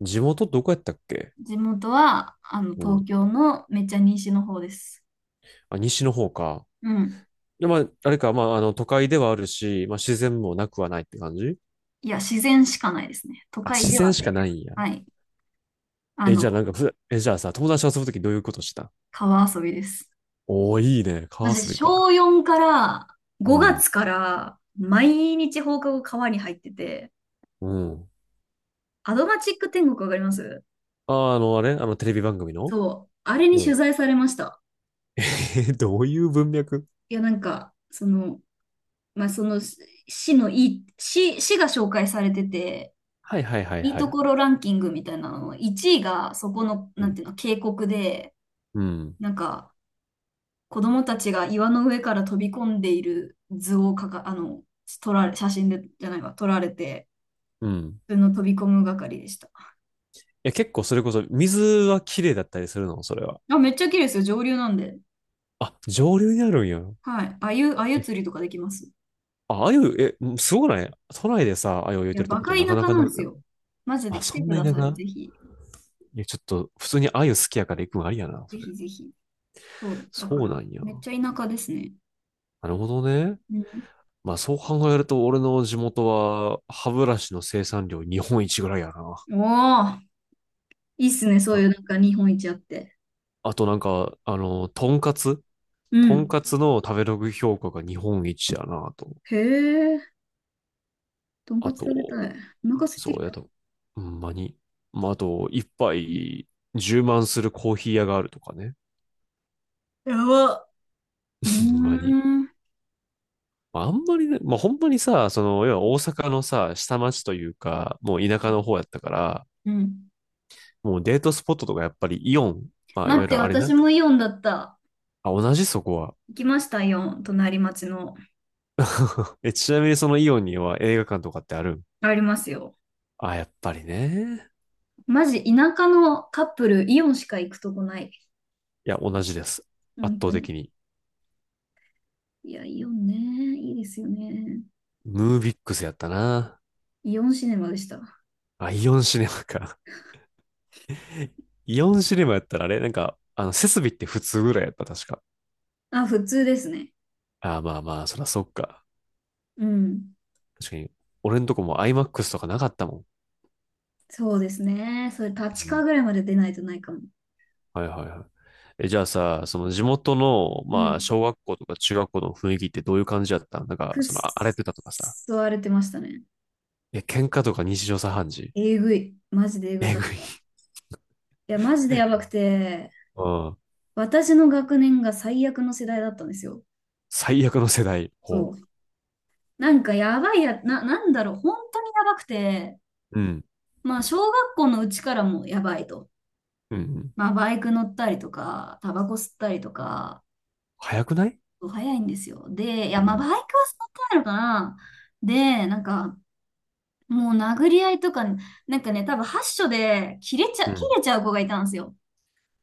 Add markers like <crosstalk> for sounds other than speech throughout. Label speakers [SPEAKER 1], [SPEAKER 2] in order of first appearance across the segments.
[SPEAKER 1] 地元どこやったっけ？
[SPEAKER 2] 地元は、
[SPEAKER 1] う
[SPEAKER 2] 東
[SPEAKER 1] ん。
[SPEAKER 2] 京のめっちゃ西の方です。
[SPEAKER 1] あ、西の方か。
[SPEAKER 2] うん。
[SPEAKER 1] で、まあ、あれか、まあ、都会ではあるし、まあ、自然もなくはないって感じ？
[SPEAKER 2] いや、自然しかないですね。都
[SPEAKER 1] あ、
[SPEAKER 2] 会
[SPEAKER 1] 自
[SPEAKER 2] で
[SPEAKER 1] 然
[SPEAKER 2] は
[SPEAKER 1] しかな
[SPEAKER 2] ね。
[SPEAKER 1] いんや。
[SPEAKER 2] はい。あ
[SPEAKER 1] え、
[SPEAKER 2] の、
[SPEAKER 1] じゃあなんかふ、え、じゃあさ、友達と遊ぶときどういうことした？
[SPEAKER 2] 川遊びです。
[SPEAKER 1] おー、いいね。川
[SPEAKER 2] 私、
[SPEAKER 1] 遊びか。
[SPEAKER 2] 小4から、
[SPEAKER 1] う
[SPEAKER 2] 5
[SPEAKER 1] ん。
[SPEAKER 2] 月から、毎日放課後川に入ってて、
[SPEAKER 1] うん。
[SPEAKER 2] アドマチック天国わかります？
[SPEAKER 1] あ、あれテレビ番組の？
[SPEAKER 2] そう。あれに
[SPEAKER 1] う
[SPEAKER 2] 取
[SPEAKER 1] ん。
[SPEAKER 2] 材されました。
[SPEAKER 1] <laughs> え、どういう文脈？
[SPEAKER 2] いや、なんか、その、まあ、その、し市のいい、市、市が紹介されてて、
[SPEAKER 1] はいはいはい
[SPEAKER 2] いい
[SPEAKER 1] は
[SPEAKER 2] と
[SPEAKER 1] い。
[SPEAKER 2] ころランキングみたいなのの1位がそこの、
[SPEAKER 1] う
[SPEAKER 2] なん
[SPEAKER 1] ん。
[SPEAKER 2] ていうの、渓谷で、
[SPEAKER 1] うん。
[SPEAKER 2] なんか、子供たちが岩の上から飛び込んでいる図をかか、あの、撮られ、写真で、じゃないわ、撮られて、
[SPEAKER 1] うん。
[SPEAKER 2] 普通の飛び込む係でした。
[SPEAKER 1] いや、結構それこそ、水は綺麗だったりするの、それは？
[SPEAKER 2] あ、めっちゃ綺麗ですよ、上流なんで。
[SPEAKER 1] あ、上流にあるんや。
[SPEAKER 2] はい。あゆ釣りとかできます。
[SPEAKER 1] あ、あゆ。え、すごくない？都内でさ、あゆを焼い
[SPEAKER 2] いや、
[SPEAKER 1] てると
[SPEAKER 2] バ
[SPEAKER 1] こっ
[SPEAKER 2] カ
[SPEAKER 1] て
[SPEAKER 2] 田
[SPEAKER 1] なかな
[SPEAKER 2] 舎
[SPEAKER 1] か
[SPEAKER 2] な
[SPEAKER 1] な
[SPEAKER 2] んで
[SPEAKER 1] い
[SPEAKER 2] す
[SPEAKER 1] やん。
[SPEAKER 2] よ。マジで
[SPEAKER 1] あ、
[SPEAKER 2] 来
[SPEAKER 1] そ
[SPEAKER 2] て
[SPEAKER 1] ん
[SPEAKER 2] く
[SPEAKER 1] な
[SPEAKER 2] だ
[SPEAKER 1] 田
[SPEAKER 2] さい、
[SPEAKER 1] 舎？
[SPEAKER 2] ぜひ。
[SPEAKER 1] いや、ちょっと、普通にあゆ好きやから行くのありやな、
[SPEAKER 2] ぜ
[SPEAKER 1] それ。
[SPEAKER 2] ひぜひ。そう、だか
[SPEAKER 1] そうな
[SPEAKER 2] ら、
[SPEAKER 1] んや。
[SPEAKER 2] めっちゃ田舎ですね。
[SPEAKER 1] なるほどね。
[SPEAKER 2] うん。
[SPEAKER 1] まあ、そう考えると、俺の地元は、歯ブラシの生産量日本一ぐらいやな。
[SPEAKER 2] おー、いいっすね、そう
[SPEAKER 1] あ、
[SPEAKER 2] いうなんか日本一あって。
[SPEAKER 1] あとなんか、
[SPEAKER 2] う
[SPEAKER 1] とん
[SPEAKER 2] ん。
[SPEAKER 1] かつの食べログ評価が日本一やなと。
[SPEAKER 2] へえ、とんか
[SPEAKER 1] あ
[SPEAKER 2] つ食べた
[SPEAKER 1] と、
[SPEAKER 2] い。お腹空いて
[SPEAKER 1] そ
[SPEAKER 2] き
[SPEAKER 1] うや
[SPEAKER 2] た。
[SPEAKER 1] と、ほんまに。まあ、あと、一杯い充満するコーヒー屋があるとかね。
[SPEAKER 2] やば。うー
[SPEAKER 1] ほんまに。
[SPEAKER 2] ん。
[SPEAKER 1] まああんまりね、まあ本当にさ、その、要は大阪のさ、下町というか、もう田舎の方やったから、
[SPEAKER 2] うん。
[SPEAKER 1] もうデートスポットとかやっぱりイオン、まあいわ
[SPEAKER 2] 待っ
[SPEAKER 1] ゆ
[SPEAKER 2] て、
[SPEAKER 1] るあれ
[SPEAKER 2] 私
[SPEAKER 1] な。
[SPEAKER 2] もイオンだった。
[SPEAKER 1] あ、同じそこは。
[SPEAKER 2] 行きました、イオン。隣町の。
[SPEAKER 1] え、ちなみにそのイオンには映画館とかってあるん？
[SPEAKER 2] ありますよ。
[SPEAKER 1] あ、やっぱりね。
[SPEAKER 2] マジ、舎のカップル、イオンしか行くとこない。
[SPEAKER 1] いや、同じです。圧
[SPEAKER 2] 本当
[SPEAKER 1] 倒
[SPEAKER 2] に。
[SPEAKER 1] 的に。
[SPEAKER 2] いや、イオンね。いいですよね。
[SPEAKER 1] ムービックスやったな。
[SPEAKER 2] イオンシネマでした。
[SPEAKER 1] あ、イオンシネマか。<laughs> イオンシネマやったらあれなんか、設備って普通ぐらいやった、確か。
[SPEAKER 2] あ、普通ですね。
[SPEAKER 1] あ、まあまあ、そらそっか。
[SPEAKER 2] うん。
[SPEAKER 1] 確かに、俺んとこも IMAX とかなかったもん。
[SPEAKER 2] そうですね。それ、
[SPEAKER 1] う
[SPEAKER 2] 立川
[SPEAKER 1] ん。
[SPEAKER 2] ぐらいまで出ないとないかも。
[SPEAKER 1] はいはいはい。え、じゃあさ、その地元の、
[SPEAKER 2] う
[SPEAKER 1] まあ、
[SPEAKER 2] ん。
[SPEAKER 1] 小学校とか中学校の雰囲気ってどういう感じだった？なんか、
[SPEAKER 2] くっ
[SPEAKER 1] その、荒れてたとかさ。
[SPEAKER 2] そ荒れてましたね。
[SPEAKER 1] え、喧嘩とか日常茶飯事？
[SPEAKER 2] えぐい。マジでえぐ
[SPEAKER 1] え
[SPEAKER 2] かっ
[SPEAKER 1] ぐい。
[SPEAKER 2] た。いや、マジでやばく
[SPEAKER 1] <laughs>
[SPEAKER 2] て、
[SPEAKER 1] うん。
[SPEAKER 2] 私の学年が最悪の世代だったんですよ。
[SPEAKER 1] 最悪の世代。
[SPEAKER 2] そ
[SPEAKER 1] ほ
[SPEAKER 2] う。なんかやばいや、な、なんだろう、本当にやばくて、
[SPEAKER 1] う。うん。
[SPEAKER 2] まあ小学校のうちからもやばいと。
[SPEAKER 1] うん。うん。
[SPEAKER 2] まあバイク乗ったりとか、タバコ吸ったりとか、
[SPEAKER 1] 早くない？
[SPEAKER 2] 早いんですよ。で、い
[SPEAKER 1] う
[SPEAKER 2] や、まあバ
[SPEAKER 1] ん。
[SPEAKER 2] イクは吸ってないのかな。で、なんか、もう殴り合いとか、なんかね、多分発所で
[SPEAKER 1] う
[SPEAKER 2] 切
[SPEAKER 1] ん。
[SPEAKER 2] れちゃう子がいたんですよ。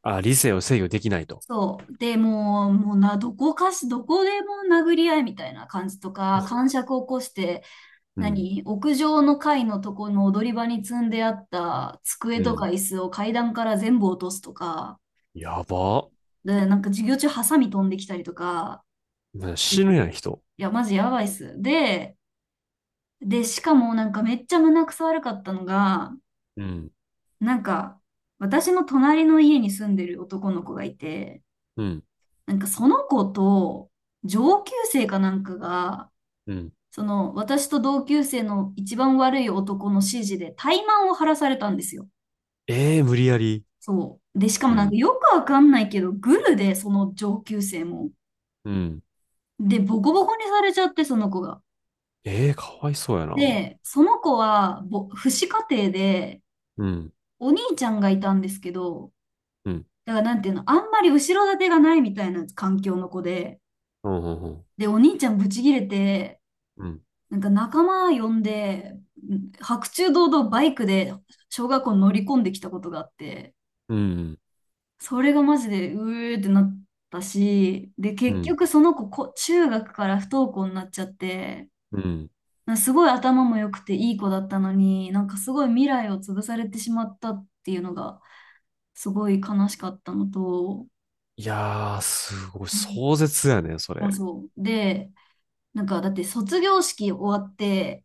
[SPEAKER 1] あ、理性を制御できないと。
[SPEAKER 2] そう。で、もう、もうな、どこかし、どこでも殴り合いみたいな感じとか、癇
[SPEAKER 1] <laughs>
[SPEAKER 2] 癪を起こして、
[SPEAKER 1] うん。
[SPEAKER 2] 何屋上の階のとこの踊り場に積んであった机
[SPEAKER 1] う
[SPEAKER 2] とか
[SPEAKER 1] ん。
[SPEAKER 2] 椅子を階段から全部落とすとか、
[SPEAKER 1] やば。
[SPEAKER 2] で、なんか授業中ハサミ飛んできたりとか
[SPEAKER 1] ね、
[SPEAKER 2] し
[SPEAKER 1] 死
[SPEAKER 2] て
[SPEAKER 1] ぬやん、
[SPEAKER 2] て、
[SPEAKER 1] 人。
[SPEAKER 2] いや、マジやばいっす。で、しかもなんかめっちゃ胸くそ悪かったのが、
[SPEAKER 1] うん。
[SPEAKER 2] なんか私の隣の家に住んでる男の子がいて、
[SPEAKER 1] うん。
[SPEAKER 2] なんかその子と上級生かなんかが、
[SPEAKER 1] うん。
[SPEAKER 2] その私と同級生の一番悪い男の指示で怠慢を晴らされたんですよ。
[SPEAKER 1] ええ、無理やり？
[SPEAKER 2] そう。で、しか
[SPEAKER 1] う
[SPEAKER 2] もなんか
[SPEAKER 1] ん。
[SPEAKER 2] よくわかんないけど、グルで、その上級生も。
[SPEAKER 1] うん。
[SPEAKER 2] で、ボコボコにされちゃって、その子が。
[SPEAKER 1] ええ、かわいそうやな。
[SPEAKER 2] で、その子は、父子家庭で、
[SPEAKER 1] うん。
[SPEAKER 2] お兄ちゃんがいたんですけど、
[SPEAKER 1] うん。
[SPEAKER 2] だからなんていうの、あんまり後ろ盾がないみたいな環境の子で、
[SPEAKER 1] うん。うん。
[SPEAKER 2] で、お兄ちゃんブチギレて、
[SPEAKER 1] うん。
[SPEAKER 2] なんか仲間呼んで、白昼堂々バイクで小学校に乗り込んできたことがあって、
[SPEAKER 1] うん、
[SPEAKER 2] それがマジで、うーってなったし、で、
[SPEAKER 1] う
[SPEAKER 2] 結
[SPEAKER 1] ん、
[SPEAKER 2] 局その子、中学から不登校になっちゃって、
[SPEAKER 1] うん。
[SPEAKER 2] なんかすごい頭も良くていい子だったのに、なんかすごい未来を潰されてしまったっていうのが、すごい悲しかったのと、
[SPEAKER 1] いやー、すごい、
[SPEAKER 2] うん。
[SPEAKER 1] 壮絶やね、そ
[SPEAKER 2] あ、
[SPEAKER 1] れ。
[SPEAKER 2] そう。で、なんかだって卒業式終わって、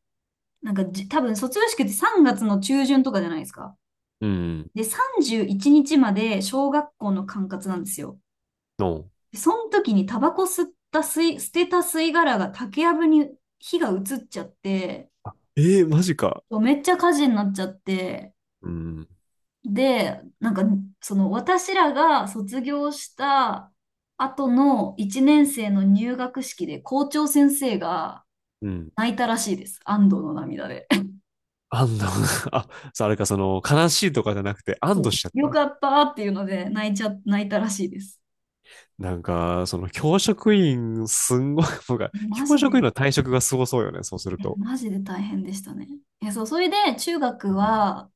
[SPEAKER 2] なんかじ、多分卒業式って3月の中旬とかじゃないですか。
[SPEAKER 1] うん。
[SPEAKER 2] で、31日まで小学校の管轄なんですよ。
[SPEAKER 1] の、
[SPEAKER 2] その時にタバコ吸った吸い、捨てた吸い殻が竹やぶに火が移っちゃって、
[SPEAKER 1] えー、マジか。
[SPEAKER 2] めっちゃ火事になっちゃって、
[SPEAKER 1] うん、
[SPEAKER 2] で、なんか、その私らが卒業した後の1年生の入学式で校長先生が
[SPEAKER 1] うん。
[SPEAKER 2] 泣いたらしいです。安堵の涙で。
[SPEAKER 1] 安堵？ <laughs> あ、そう、あれか、その、悲しいとかじゃなくて、
[SPEAKER 2] <laughs>
[SPEAKER 1] 安
[SPEAKER 2] そ
[SPEAKER 1] 堵
[SPEAKER 2] う
[SPEAKER 1] しちゃっ
[SPEAKER 2] よ
[SPEAKER 1] た。
[SPEAKER 2] かったっていうので泣いたらしいです。
[SPEAKER 1] なんか、その、教職員、すんごい、<laughs>
[SPEAKER 2] え、マ
[SPEAKER 1] 教
[SPEAKER 2] ジ
[SPEAKER 1] 職員
[SPEAKER 2] で、
[SPEAKER 1] の退職がすごそうよね、そうする
[SPEAKER 2] え、
[SPEAKER 1] と。
[SPEAKER 2] マジで大変でしたね。え、そう、それで中学
[SPEAKER 1] うん。
[SPEAKER 2] は、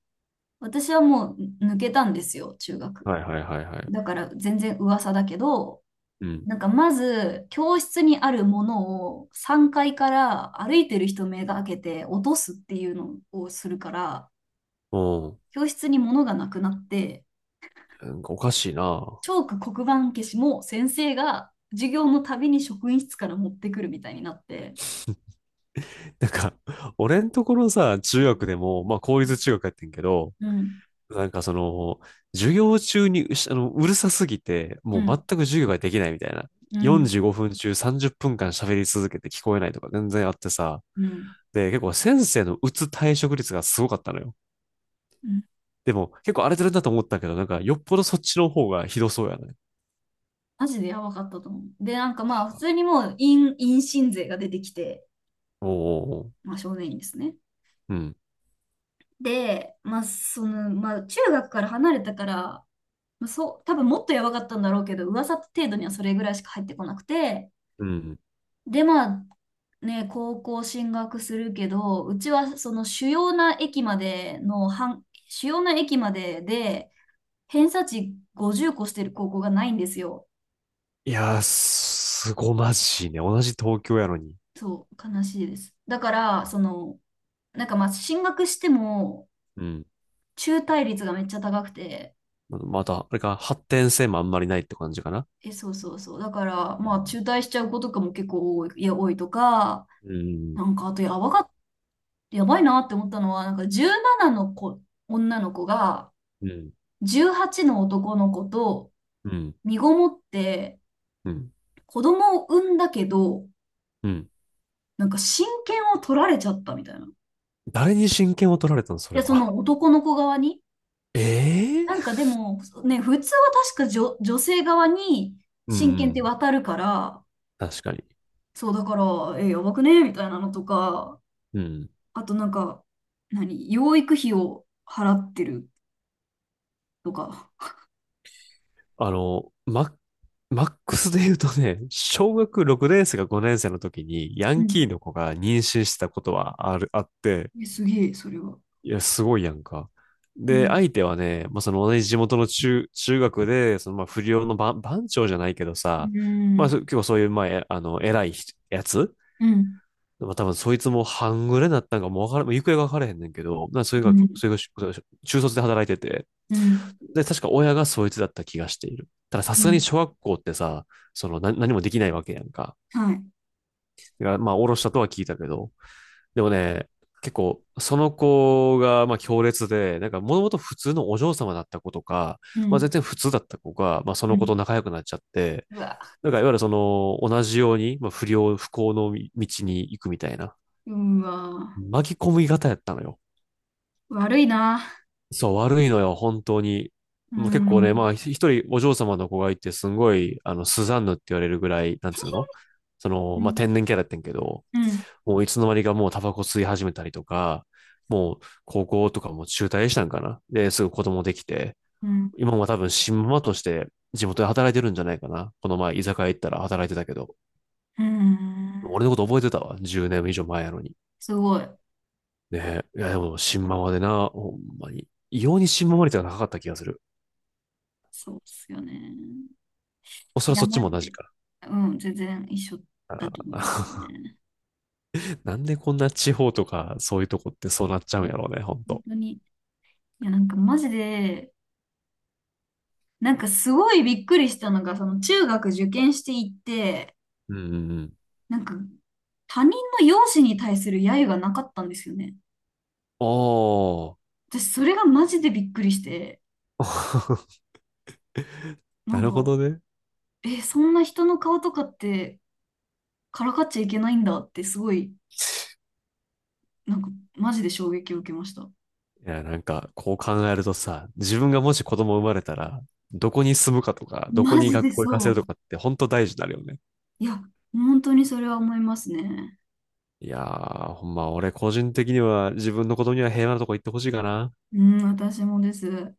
[SPEAKER 2] 私はもう抜けたんですよ、中学。
[SPEAKER 1] はいはいはいはい。
[SPEAKER 2] だから全然噂だけど、
[SPEAKER 1] うん。
[SPEAKER 2] なんかまず教室にあるものを3階から歩いてる人目が開けて落とすっていうのをするから、
[SPEAKER 1] うん。
[SPEAKER 2] 教室に物がなくなって、
[SPEAKER 1] なんかおかしいな。
[SPEAKER 2] チョーク黒板消しも先生が授業のたびに職員室から持ってくるみたいになって、
[SPEAKER 1] なんか、俺んところさ、中学でも、まあ、公
[SPEAKER 2] うん、
[SPEAKER 1] 立中学やってんけど、
[SPEAKER 2] うん、
[SPEAKER 1] なんかその、授業中にうしあの、うるさすぎて、
[SPEAKER 2] う
[SPEAKER 1] もう全
[SPEAKER 2] ん、
[SPEAKER 1] く授業ができないみたいな。45分中30分間喋り続けて聞こえないとか全然あってさ。
[SPEAKER 2] うん、
[SPEAKER 1] で、結構先生の退職率がすごかったのよ。
[SPEAKER 2] うん。
[SPEAKER 1] でも結構荒れてるんだと思ったけど、なんかよっぽどそっちの方がひどそうやね。
[SPEAKER 2] マジでやばかったと思う。で、なんかまあ、普通にもう、陰親税が出てきて、
[SPEAKER 1] おうう
[SPEAKER 2] まあ、少年院ですね。
[SPEAKER 1] うん。
[SPEAKER 2] で、中学から離れたから、まあ、そう、多分もっとやばかったんだろうけど、噂程度にはそれぐらいしか入ってこなくて、
[SPEAKER 1] うん。
[SPEAKER 2] で、まあ、ね、高校進学するけど、うちはその主要な駅までの、半主要な駅までで、偏差値50個してる高校がないんですよ。
[SPEAKER 1] いやー、すごまじいね。同じ東京やのに。
[SPEAKER 2] そう、悲しいです。だから、その、なんかまあ、進学しても、
[SPEAKER 1] うん。
[SPEAKER 2] 中退率がめっちゃ高くて、
[SPEAKER 1] また、あれか、発展性もあんまりないって感じかな。
[SPEAKER 2] え、そうそうそう。だから、
[SPEAKER 1] う
[SPEAKER 2] まあ、
[SPEAKER 1] ん。
[SPEAKER 2] 中退しちゃう子とかも結構多いとか、
[SPEAKER 1] うん。
[SPEAKER 2] なんか、あと、やばいなって思ったのは、なんか、17の子、女の子が、
[SPEAKER 1] うん。
[SPEAKER 2] 18の男の子と、
[SPEAKER 1] うん。
[SPEAKER 2] 身ごもって、
[SPEAKER 1] うん。
[SPEAKER 2] 子供を産んだけど、
[SPEAKER 1] うん。
[SPEAKER 2] なんか、親権を取られちゃったみたいな。
[SPEAKER 1] 誰に親権を取られたの、そ
[SPEAKER 2] い
[SPEAKER 1] れ
[SPEAKER 2] や、そ
[SPEAKER 1] は？
[SPEAKER 2] の男の子側に。
[SPEAKER 1] え
[SPEAKER 2] なん
[SPEAKER 1] え。
[SPEAKER 2] か、でも、ね、普通は確か女性側に、
[SPEAKER 1] うんう
[SPEAKER 2] 親権って
[SPEAKER 1] ん、
[SPEAKER 2] 渡るから、
[SPEAKER 1] 確かに。
[SPEAKER 2] そう、だから、え、やばくねみたいなのとか、
[SPEAKER 1] うん。
[SPEAKER 2] あとなんか、何、養育費を払ってるとか。
[SPEAKER 1] あの、マ、マックスで言うとね、小学6年生か5年生の時にヤ
[SPEAKER 2] う
[SPEAKER 1] ンキ
[SPEAKER 2] ん。
[SPEAKER 1] ーの子が妊娠してたことはあって、
[SPEAKER 2] え、すげえ、それは。
[SPEAKER 1] いや、すごいやんか。
[SPEAKER 2] う
[SPEAKER 1] で、
[SPEAKER 2] ん。
[SPEAKER 1] 相手はね、まあ、その同じ地元の中学で、そのまあ不良の番長じゃないけど
[SPEAKER 2] う
[SPEAKER 1] さ、まあ、
[SPEAKER 2] ん。
[SPEAKER 1] 結構そういう、まあ、えあの、偉い人やつ。
[SPEAKER 2] うん。
[SPEAKER 1] まあ多分そいつも半グレになったんかもうわからん、もう行方がわからへんねんけど、
[SPEAKER 2] うん。
[SPEAKER 1] それが中卒で働いてて、
[SPEAKER 2] うん。
[SPEAKER 1] で、確か親がそいつだった気がしている。たださ
[SPEAKER 2] う
[SPEAKER 1] すがに
[SPEAKER 2] ん。
[SPEAKER 1] 小学校ってさ、その何もできないわけやんか。
[SPEAKER 2] はい。
[SPEAKER 1] だからまあ、おろしたとは聞いたけど、でもね、結構、その子が、まあ、強烈で、なんか、もともと普通のお嬢様だった子とか、
[SPEAKER 2] う
[SPEAKER 1] まあ、
[SPEAKER 2] ん。
[SPEAKER 1] 全然普通だった子が、まあ、そ
[SPEAKER 2] う
[SPEAKER 1] の子と
[SPEAKER 2] ん。
[SPEAKER 1] 仲良くなっちゃって、
[SPEAKER 2] うわ。
[SPEAKER 1] なんか、いわゆるその、同じように、まあ、不幸の道に行くみたいな。
[SPEAKER 2] うわ。
[SPEAKER 1] 巻き込み型やったのよ。
[SPEAKER 2] 悪いな。
[SPEAKER 1] そう、悪いのよ、本当に。
[SPEAKER 2] う
[SPEAKER 1] もう結構ね、ま
[SPEAKER 2] ん。
[SPEAKER 1] あ、一人お嬢様の子がいて、すごい、スザンヌって言われるぐらい、なんつうのそ
[SPEAKER 2] う
[SPEAKER 1] の、まあ、
[SPEAKER 2] ん。
[SPEAKER 1] 天然キャラやってんけど、
[SPEAKER 2] うん。
[SPEAKER 1] もういつの間にかもうタバコ吸い始めたりとか、もう高校とかも中退したんかな。で、すぐ子供できて、
[SPEAKER 2] うん。
[SPEAKER 1] 今も多分新ママとして地元で働いてるんじゃないかな。この前、居酒屋行ったら働いてたけど、
[SPEAKER 2] うん。
[SPEAKER 1] 俺のこと覚えてたわ。10年以上前やのに。
[SPEAKER 2] すごい。
[SPEAKER 1] ねえ。いや、でも、新ママでな、ほんまに。異様に新ママ率が高かった気がする。
[SPEAKER 2] そうっすよね。
[SPEAKER 1] おそ
[SPEAKER 2] い
[SPEAKER 1] らく
[SPEAKER 2] や、
[SPEAKER 1] そっち
[SPEAKER 2] マ
[SPEAKER 1] も
[SPEAKER 2] ジ
[SPEAKER 1] 同じ
[SPEAKER 2] で。
[SPEAKER 1] か
[SPEAKER 2] うん、全然一緒だ
[SPEAKER 1] ら
[SPEAKER 2] と思います
[SPEAKER 1] な。
[SPEAKER 2] ね。
[SPEAKER 1] <laughs> なんでこんな地方とか、そういうとこってそうなっちゃうんやろうね、ほん
[SPEAKER 2] 本
[SPEAKER 1] と。
[SPEAKER 2] 当に。いや、なんかマジで、なんかすごいびっくりしたのが、その中学受験していって、
[SPEAKER 1] うんうんうん。
[SPEAKER 2] なんか他人の容姿に対する揶揄がなかったんですよね。
[SPEAKER 1] おー。
[SPEAKER 2] 私それがマジでびっくりして、
[SPEAKER 1] <laughs>
[SPEAKER 2] な
[SPEAKER 1] な
[SPEAKER 2] ん
[SPEAKER 1] るほ
[SPEAKER 2] か、
[SPEAKER 1] どね。
[SPEAKER 2] え、そんな人の顔とかってからかっちゃいけないんだってすごい、なんかマジで衝撃を受けました。
[SPEAKER 1] いや、なんか、こう考えるとさ、自分がもし子供生まれたら、どこに住むかとか、どこ
[SPEAKER 2] マ
[SPEAKER 1] に
[SPEAKER 2] ジで
[SPEAKER 1] 学校行かせ
[SPEAKER 2] そ
[SPEAKER 1] る
[SPEAKER 2] う。
[SPEAKER 1] とかって、ほんと大事になるよね。
[SPEAKER 2] いや、本当にそれは思いますね。
[SPEAKER 1] いやー、ほんま、俺個人的には自分の子供には平和なとこ行ってほしいかな。
[SPEAKER 2] うん、私もです。